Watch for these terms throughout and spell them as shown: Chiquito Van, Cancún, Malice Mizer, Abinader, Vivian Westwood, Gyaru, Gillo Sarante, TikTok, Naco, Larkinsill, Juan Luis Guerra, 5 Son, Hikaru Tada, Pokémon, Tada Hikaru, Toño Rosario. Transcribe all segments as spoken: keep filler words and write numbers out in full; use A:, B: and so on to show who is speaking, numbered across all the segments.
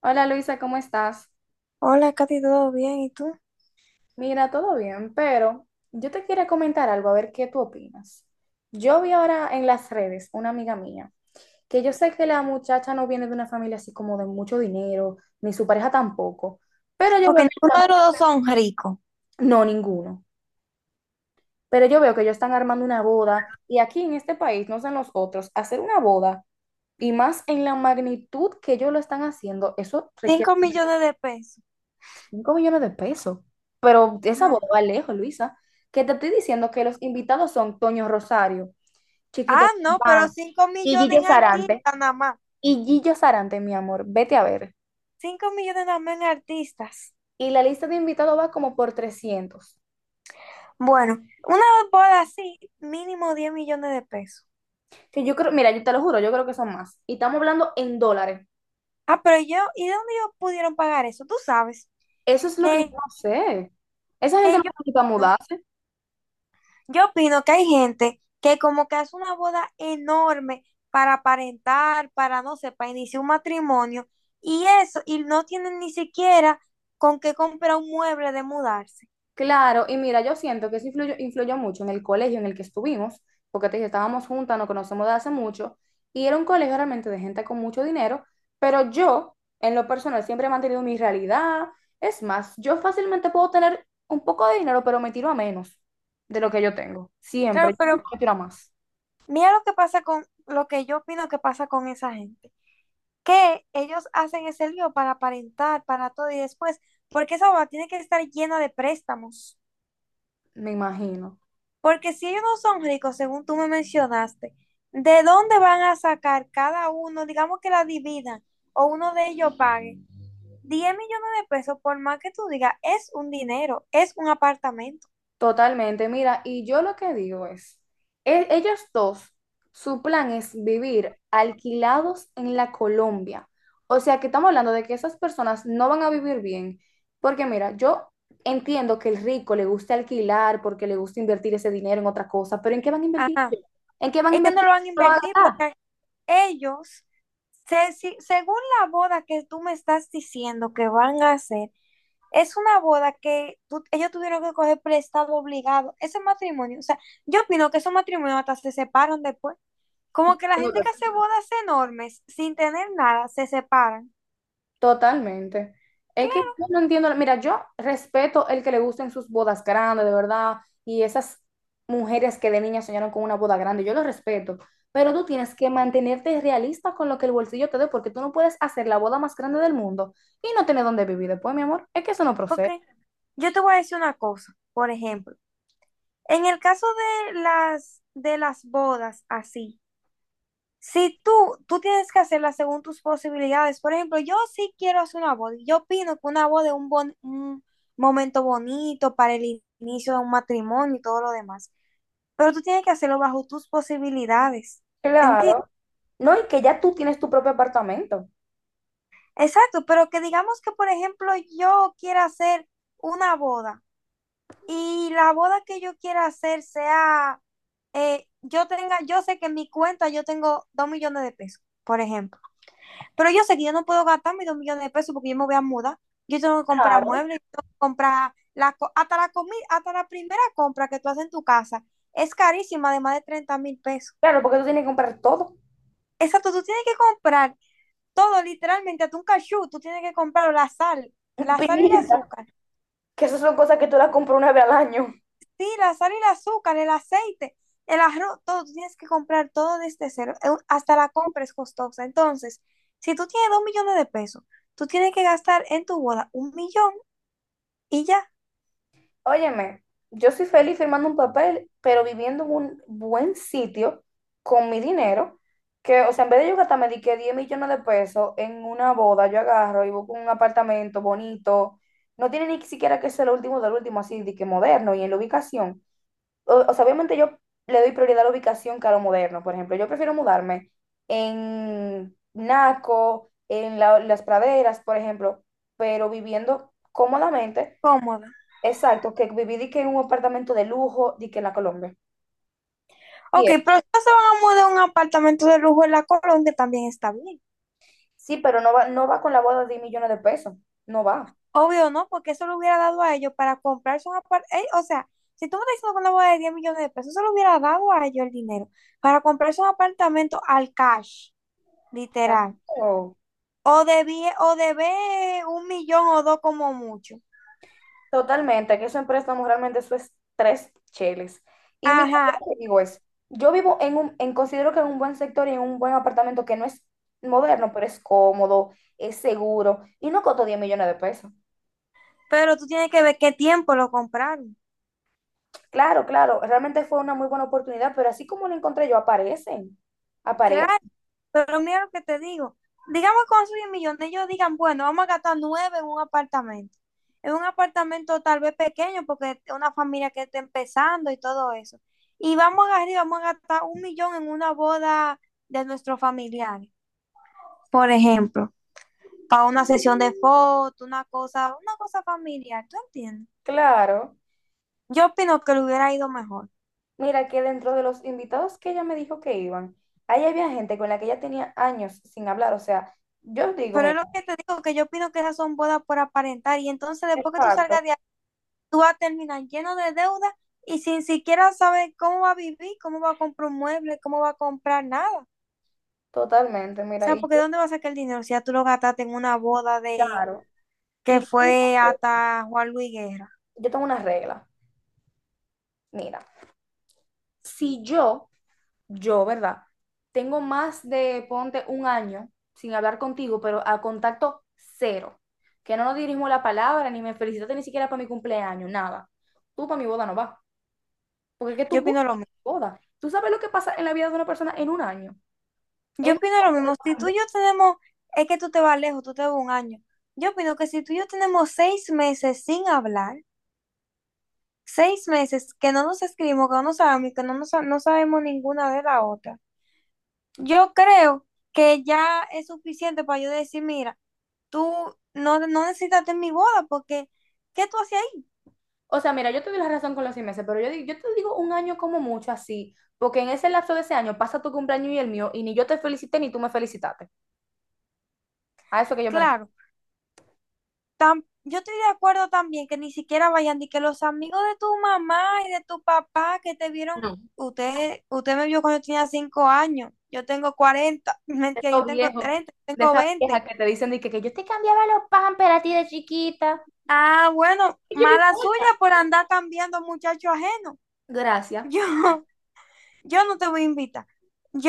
A: Hola Luisa, ¿cómo estás?
B: Hola, Katy, ¿todo bien? ¿Y tú?
A: Mira, todo bien, pero yo te quiero comentar algo, a ver qué tú opinas. Yo vi ahora en las redes una amiga mía, que yo sé que la muchacha no viene de una familia así como de mucho dinero, ni su pareja tampoco, pero yo
B: Ok,
A: veo
B: ninguno de los dos son ricos.
A: que, no, ninguno, pero yo veo que ellos están armando una boda y aquí en este país, no sé en los otros, hacer una boda y más en la magnitud que ellos lo están haciendo, eso requiere
B: Cinco millones de pesos.
A: cinco millones de pesos. Pero esa
B: No.
A: boda va lejos, Luisa. Que te estoy diciendo que los invitados son Toño Rosario,
B: Ah,
A: Chiquito
B: no, pero
A: Van
B: cinco
A: y
B: millones
A: Gillo
B: en
A: Sarante.
B: artistas nada más.
A: Y Gillo Sarante, mi amor, vete a ver.
B: Cinco millones nada más en artistas.
A: Y la lista de invitados va como por trescientos.
B: Bueno, una boda así, mínimo diez millones de pesos.
A: Que yo creo, mira, yo te lo juro, yo creo que son más. Y estamos hablando en dólares.
B: Ah, pero yo, ¿y de dónde ellos pudieron pagar eso? Tú sabes
A: Eso es lo que yo
B: que,
A: no sé. Esa gente
B: que
A: no
B: yo,
A: necesita
B: ¿no?
A: mudarse.
B: Yo opino que hay gente que como que hace una boda enorme para aparentar, para no sé, para iniciar un matrimonio y eso, y no tienen ni siquiera con qué comprar un mueble de mudarse.
A: Claro, y mira, yo siento que eso influyó, influyó mucho en el colegio en el que estuvimos, porque te dije, estábamos juntas, nos conocemos de hace mucho, y era un colegio realmente de gente con mucho dinero, pero yo, en lo personal, siempre he mantenido mi realidad. Es más, yo fácilmente puedo tener un poco de dinero, pero me tiro a menos de lo que yo tengo. Siempre,
B: Claro,
A: yo
B: pero
A: nunca me tiro a más,
B: mira lo que pasa con, lo que yo opino que pasa con esa gente, que ellos hacen ese lío para aparentar, para todo y después, porque esa boda tiene que estar llena de préstamos.
A: me imagino.
B: Porque si ellos no son ricos, según tú me mencionaste, ¿de dónde van a sacar cada uno, digamos que la dividan o uno de ellos pague diez millones de pesos, por más que tú digas, es un dinero, es un apartamento.
A: Totalmente, mira, y yo lo que digo es, e- ellos dos, su plan es vivir alquilados en la Colombia. O sea que estamos hablando de que esas personas no van a vivir bien, porque mira, yo entiendo que el rico le gusta alquilar porque le gusta invertir ese dinero en otra cosa, pero ¿en qué van a invertir
B: Ajá.
A: ellos? ¿En qué van a
B: Ellos no
A: invertir?
B: lo van a
A: No van
B: invertir
A: a
B: porque ellos, se- si- según la boda que tú me estás diciendo que van a hacer, es una boda que tú- ellos tuvieron que coger prestado obligado. Ese matrimonio, o sea, yo opino que esos matrimonios hasta se separan después. Como que la gente que
A: gastar.
B: hace bodas enormes sin tener nada se separan.
A: Totalmente. Es que
B: Claro,
A: yo no entiendo, mira, yo respeto el que le gusten sus bodas grandes, de verdad, y esas mujeres que de niña soñaron con una boda grande, yo lo respeto, pero tú tienes que mantenerte realista con lo que el bolsillo te dé, porque tú no puedes hacer la boda más grande del mundo y no tener dónde vivir después, mi amor. Es que eso no procede.
B: porque yo te voy a decir una cosa, por ejemplo, en el caso de las, de las bodas así, si tú, tú tienes que hacerlas según tus posibilidades, por ejemplo, yo sí quiero hacer una boda, y yo opino que una boda es un, bon- un momento bonito para el inicio de un matrimonio y todo lo demás, pero tú tienes que hacerlo bajo tus posibilidades, ¿entiendes?
A: Claro. No, y que ya tú tienes tu propio apartamento.
B: Exacto, pero que digamos que, por ejemplo, yo quiera hacer una boda y la boda que yo quiera hacer sea, eh, yo tenga, yo sé que en mi cuenta yo tengo dos millones de pesos, por ejemplo, pero yo sé que yo no puedo gastar mis dos millones de pesos porque yo me voy a mudar, yo tengo que comprar
A: Claro.
B: muebles, yo tengo que comprar la, co- hasta la comida, hasta la primera compra que tú haces en tu casa es carísima de más de treinta mil pesos.
A: Claro, porque tú tienes que comprar todo.
B: Exacto, tú tienes que comprar todo, literalmente, hasta un cachú, tú tienes que comprar la sal, la sal y el
A: Pimienta,
B: azúcar.
A: que esas son cosas que tú las compras una vez al año.
B: Sí, la sal y el azúcar, el aceite, el arroz, todo, tú tienes que comprar todo desde cero, eh, hasta la compra es costosa. Entonces, si tú tienes dos millones de pesos, tú tienes que gastar en tu boda un millón y ya,
A: Óyeme, yo soy feliz firmando un papel, pero viviendo en un buen sitio con mi dinero, que, o sea, en vez de yo gastarme de que diez millones de pesos en una boda, yo agarro y busco un apartamento bonito, no tiene ni siquiera que ser lo último del último, así, de que moderno y en la ubicación. O, o sea, obviamente yo le doy prioridad a la ubicación que a lo moderno, por ejemplo, yo prefiero mudarme en Naco, en la- las praderas, por ejemplo, pero viviendo cómodamente.
B: cómoda.
A: Exacto, que viví di que en un apartamento de lujo, di que en la Colombia.
B: Ok,
A: Bien,
B: pero si no se van a mudar a un apartamento de lujo en la Colón, también está bien.
A: sí, pero no va, no va con la boda de diez millones de pesos. No va.
B: Obvio, ¿no? Porque eso lo hubiera dado a ellos para comprarse un apartamento. O sea, si tú me estás diciendo que una boda de diez millones de pesos, eso lo hubiera dado a ellos el dinero para comprarse un apartamento al cash, literal.
A: Claro.
B: O debí, o debé un millón o dos como mucho.
A: Totalmente, que eso en préstamo realmente eso es tres cheles. Y mira,
B: Ajá,
A: yo te digo es, yo vivo en un, en, considero que en un buen sector y en un buen apartamento que no es moderno, pero es cómodo, es seguro y no costó diez millones de pesos.
B: pero tú tienes que ver qué tiempo lo compraron.
A: Claro, claro, realmente fue una muy buena oportunidad, pero así como lo encontré yo, aparecen,
B: Claro,
A: aparecen,
B: pero mira lo que te digo. Digamos que con esos 10 millones ellos digan, bueno, vamos a gastar nueve en un apartamento. En un apartamento tal vez pequeño porque es una familia que está empezando y todo eso. Y vamos a gastar, vamos a gastar un millón en una boda de nuestros familiares, por ejemplo, para una sesión de fotos, una cosa, una cosa familiar, ¿tú entiendes?
A: claro.
B: Yo opino que le hubiera ido mejor.
A: Mira que dentro de los invitados que ella me dijo que iban, ahí había gente con la que ella tenía años sin hablar. O sea, yo digo,
B: Pero es
A: mira,
B: lo que te digo, que yo opino que esas son bodas por aparentar. Y entonces después que tú
A: exacto,
B: salgas de ahí, tú vas a terminar lleno de deuda y sin siquiera saber cómo va a vivir, cómo va a comprar un mueble, cómo va a comprar nada. O
A: totalmente, mira,
B: sea,
A: y
B: porque
A: yo,
B: ¿dónde vas a sacar el dinero si ya tú lo gastaste en una boda de
A: claro, y
B: que
A: yo tengo una,
B: fue
A: re-
B: hasta Juan Luis Guerra.
A: yo tengo una regla. Mira, si yo, yo, ¿verdad? Tengo más de, ponte, un año sin hablar contigo, pero a contacto cero, que no nos dirigimos la palabra, ni me felicitaste ni siquiera para mi cumpleaños, nada. Tú para mi boda no vas. Porque es que
B: Yo
A: tú
B: opino lo
A: buscas
B: mismo.
A: boda. Tú sabes lo que pasa en la vida de una persona en un año. En
B: Yo
A: un
B: opino lo
A: año puede
B: mismo. Si
A: pasar
B: tú y
A: mucho.
B: yo tenemos, es que tú te vas lejos, tú te vas un año. Yo opino que si tú y yo tenemos seis meses sin hablar, seis meses que no nos escribimos, que no nos sabemos, y que no, nos, no sabemos ninguna de la otra. Yo creo que ya es suficiente para yo decir, mira, tú no, no necesitaste mi boda porque, ¿qué tú hacías ahí?
A: O sea, mira, yo te doy la razón con los seis meses, pero yo, di- yo te digo un año como mucho así, porque en ese lapso de ese año pasa tu cumpleaños y el mío, y ni yo te felicité ni tú me felicitaste. A eso que yo me refiero.
B: Claro, tam- yo estoy de acuerdo también que ni siquiera vayan ni que los amigos de tu mamá y de tu papá que te vieron,
A: No.
B: usted, usted me vio cuando yo tenía cinco años, yo tengo cuarenta
A: De
B: mentira,
A: esos
B: yo tengo
A: viejos,
B: treinta yo
A: de
B: tengo
A: esas viejas
B: veinte.
A: que te dicen de que, que yo te cambiaba los pampers a ti de chiquita.
B: Ah, bueno,
A: ¿Y qué me
B: mala suya
A: importa?
B: por andar cambiando muchacho ajeno.
A: Gracias.
B: Yo, yo no te voy a invitar.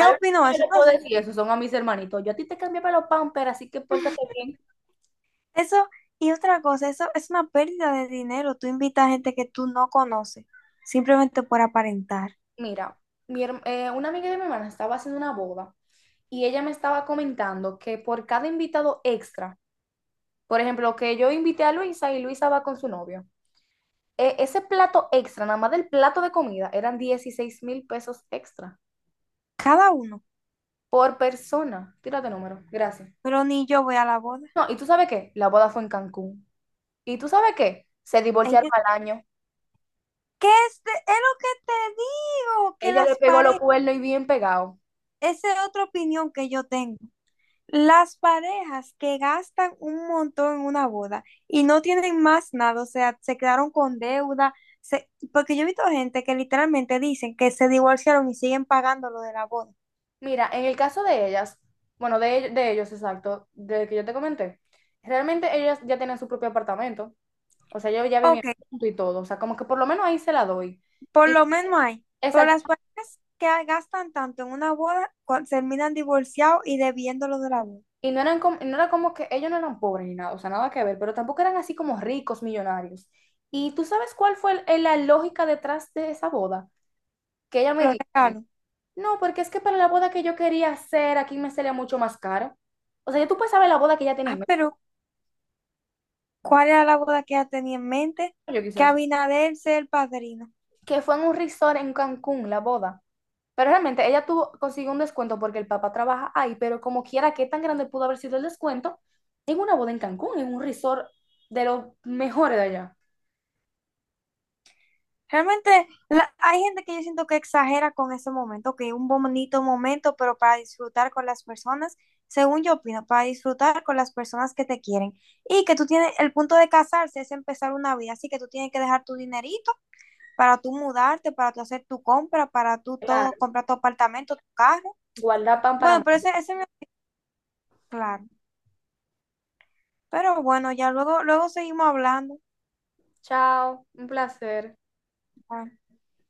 A: A lo único
B: opino
A: que
B: eso,
A: yo le
B: no
A: puedo
B: sé.
A: decir eso son a mis hermanitos. Yo a ti te cambiaba los pampers, así que pórtate bien.
B: Eso, y otra cosa, eso es una pérdida de dinero. Tú invitas a gente que tú no conoces, simplemente por aparentar.
A: Mira, mi herm- eh, una amiga de mi hermana estaba haciendo una boda y ella me estaba comentando que por cada invitado extra, por ejemplo, que yo invité a Luisa y Luisa va con su novio, e- ese plato extra, nada más del plato de comida, eran dieciséis mil pesos extra
B: Cada uno.
A: por persona. Tírate número, gracias.
B: Pero ni yo voy a la boda.
A: No, ¿y tú sabes qué? La boda fue en Cancún. ¿Y tú sabes qué? Se divorciaron
B: Ella,
A: al año.
B: ¿qué es, de- es lo que te digo? Que
A: Ella le
B: las
A: pegó los
B: parejas,
A: cuernos y bien pegado.
B: esa es otra opinión que yo tengo. Las parejas que gastan un montón en una boda y no tienen más nada, o sea, se quedaron con deuda, se- porque yo he visto gente que literalmente dicen que se divorciaron y siguen pagando lo de la boda.
A: Mira, en el caso de ellas, bueno, de, ell- de ellos, exacto, de que yo te comenté, realmente ellas ya tienen su propio apartamento, o sea, ellos ya vivían
B: Ok,
A: juntos y todo, o sea, como que por lo menos ahí se la doy.
B: por
A: Y,
B: lo menos hay, pero
A: exacto,
B: las parejas que gastan tanto en una boda cua- terminan divorciados y debiendo lo de la boda,
A: y no eran como, no era como que ellos no eran pobres ni nada, o sea, nada que ver, pero tampoco eran así como ricos, millonarios. ¿Y tú sabes cuál fue el- el- la lógica detrás de esa boda? Que ella me
B: los
A: dijo,
B: regalos.
A: no, porque es que para la boda que yo quería hacer, aquí me salía mucho más caro. O sea, ya tú puedes saber la boda que ya tienen,
B: Ah, pero ¿cuál era la boda que ella tenía en mente?
A: yo
B: Que
A: quisiera
B: Abinader sea el padrino.
A: que fue en un resort en Cancún, la boda. Pero realmente ella tuvo, consiguió un descuento porque el papá trabaja ahí, pero como quiera, ¿qué tan grande pudo haber sido el descuento? En una boda en Cancún, en un resort de los mejores de allá.
B: Realmente la- hay gente que yo siento que exagera con ese momento, que un bonito momento, pero para disfrutar con las personas, según yo opino, para disfrutar con las personas que te quieren. Y que tú tienes, el punto de casarse es empezar una vida, así que tú tienes que dejar tu dinerito para tú mudarte, para tú hacer tu compra, para tú todo,
A: Claro,
B: comprar tu apartamento, tu carro.
A: guarda pan para...
B: Bueno, pero
A: mañana.
B: ese, ese me... Claro, pero bueno, ya luego, luego seguimos hablando.
A: Chao, un placer.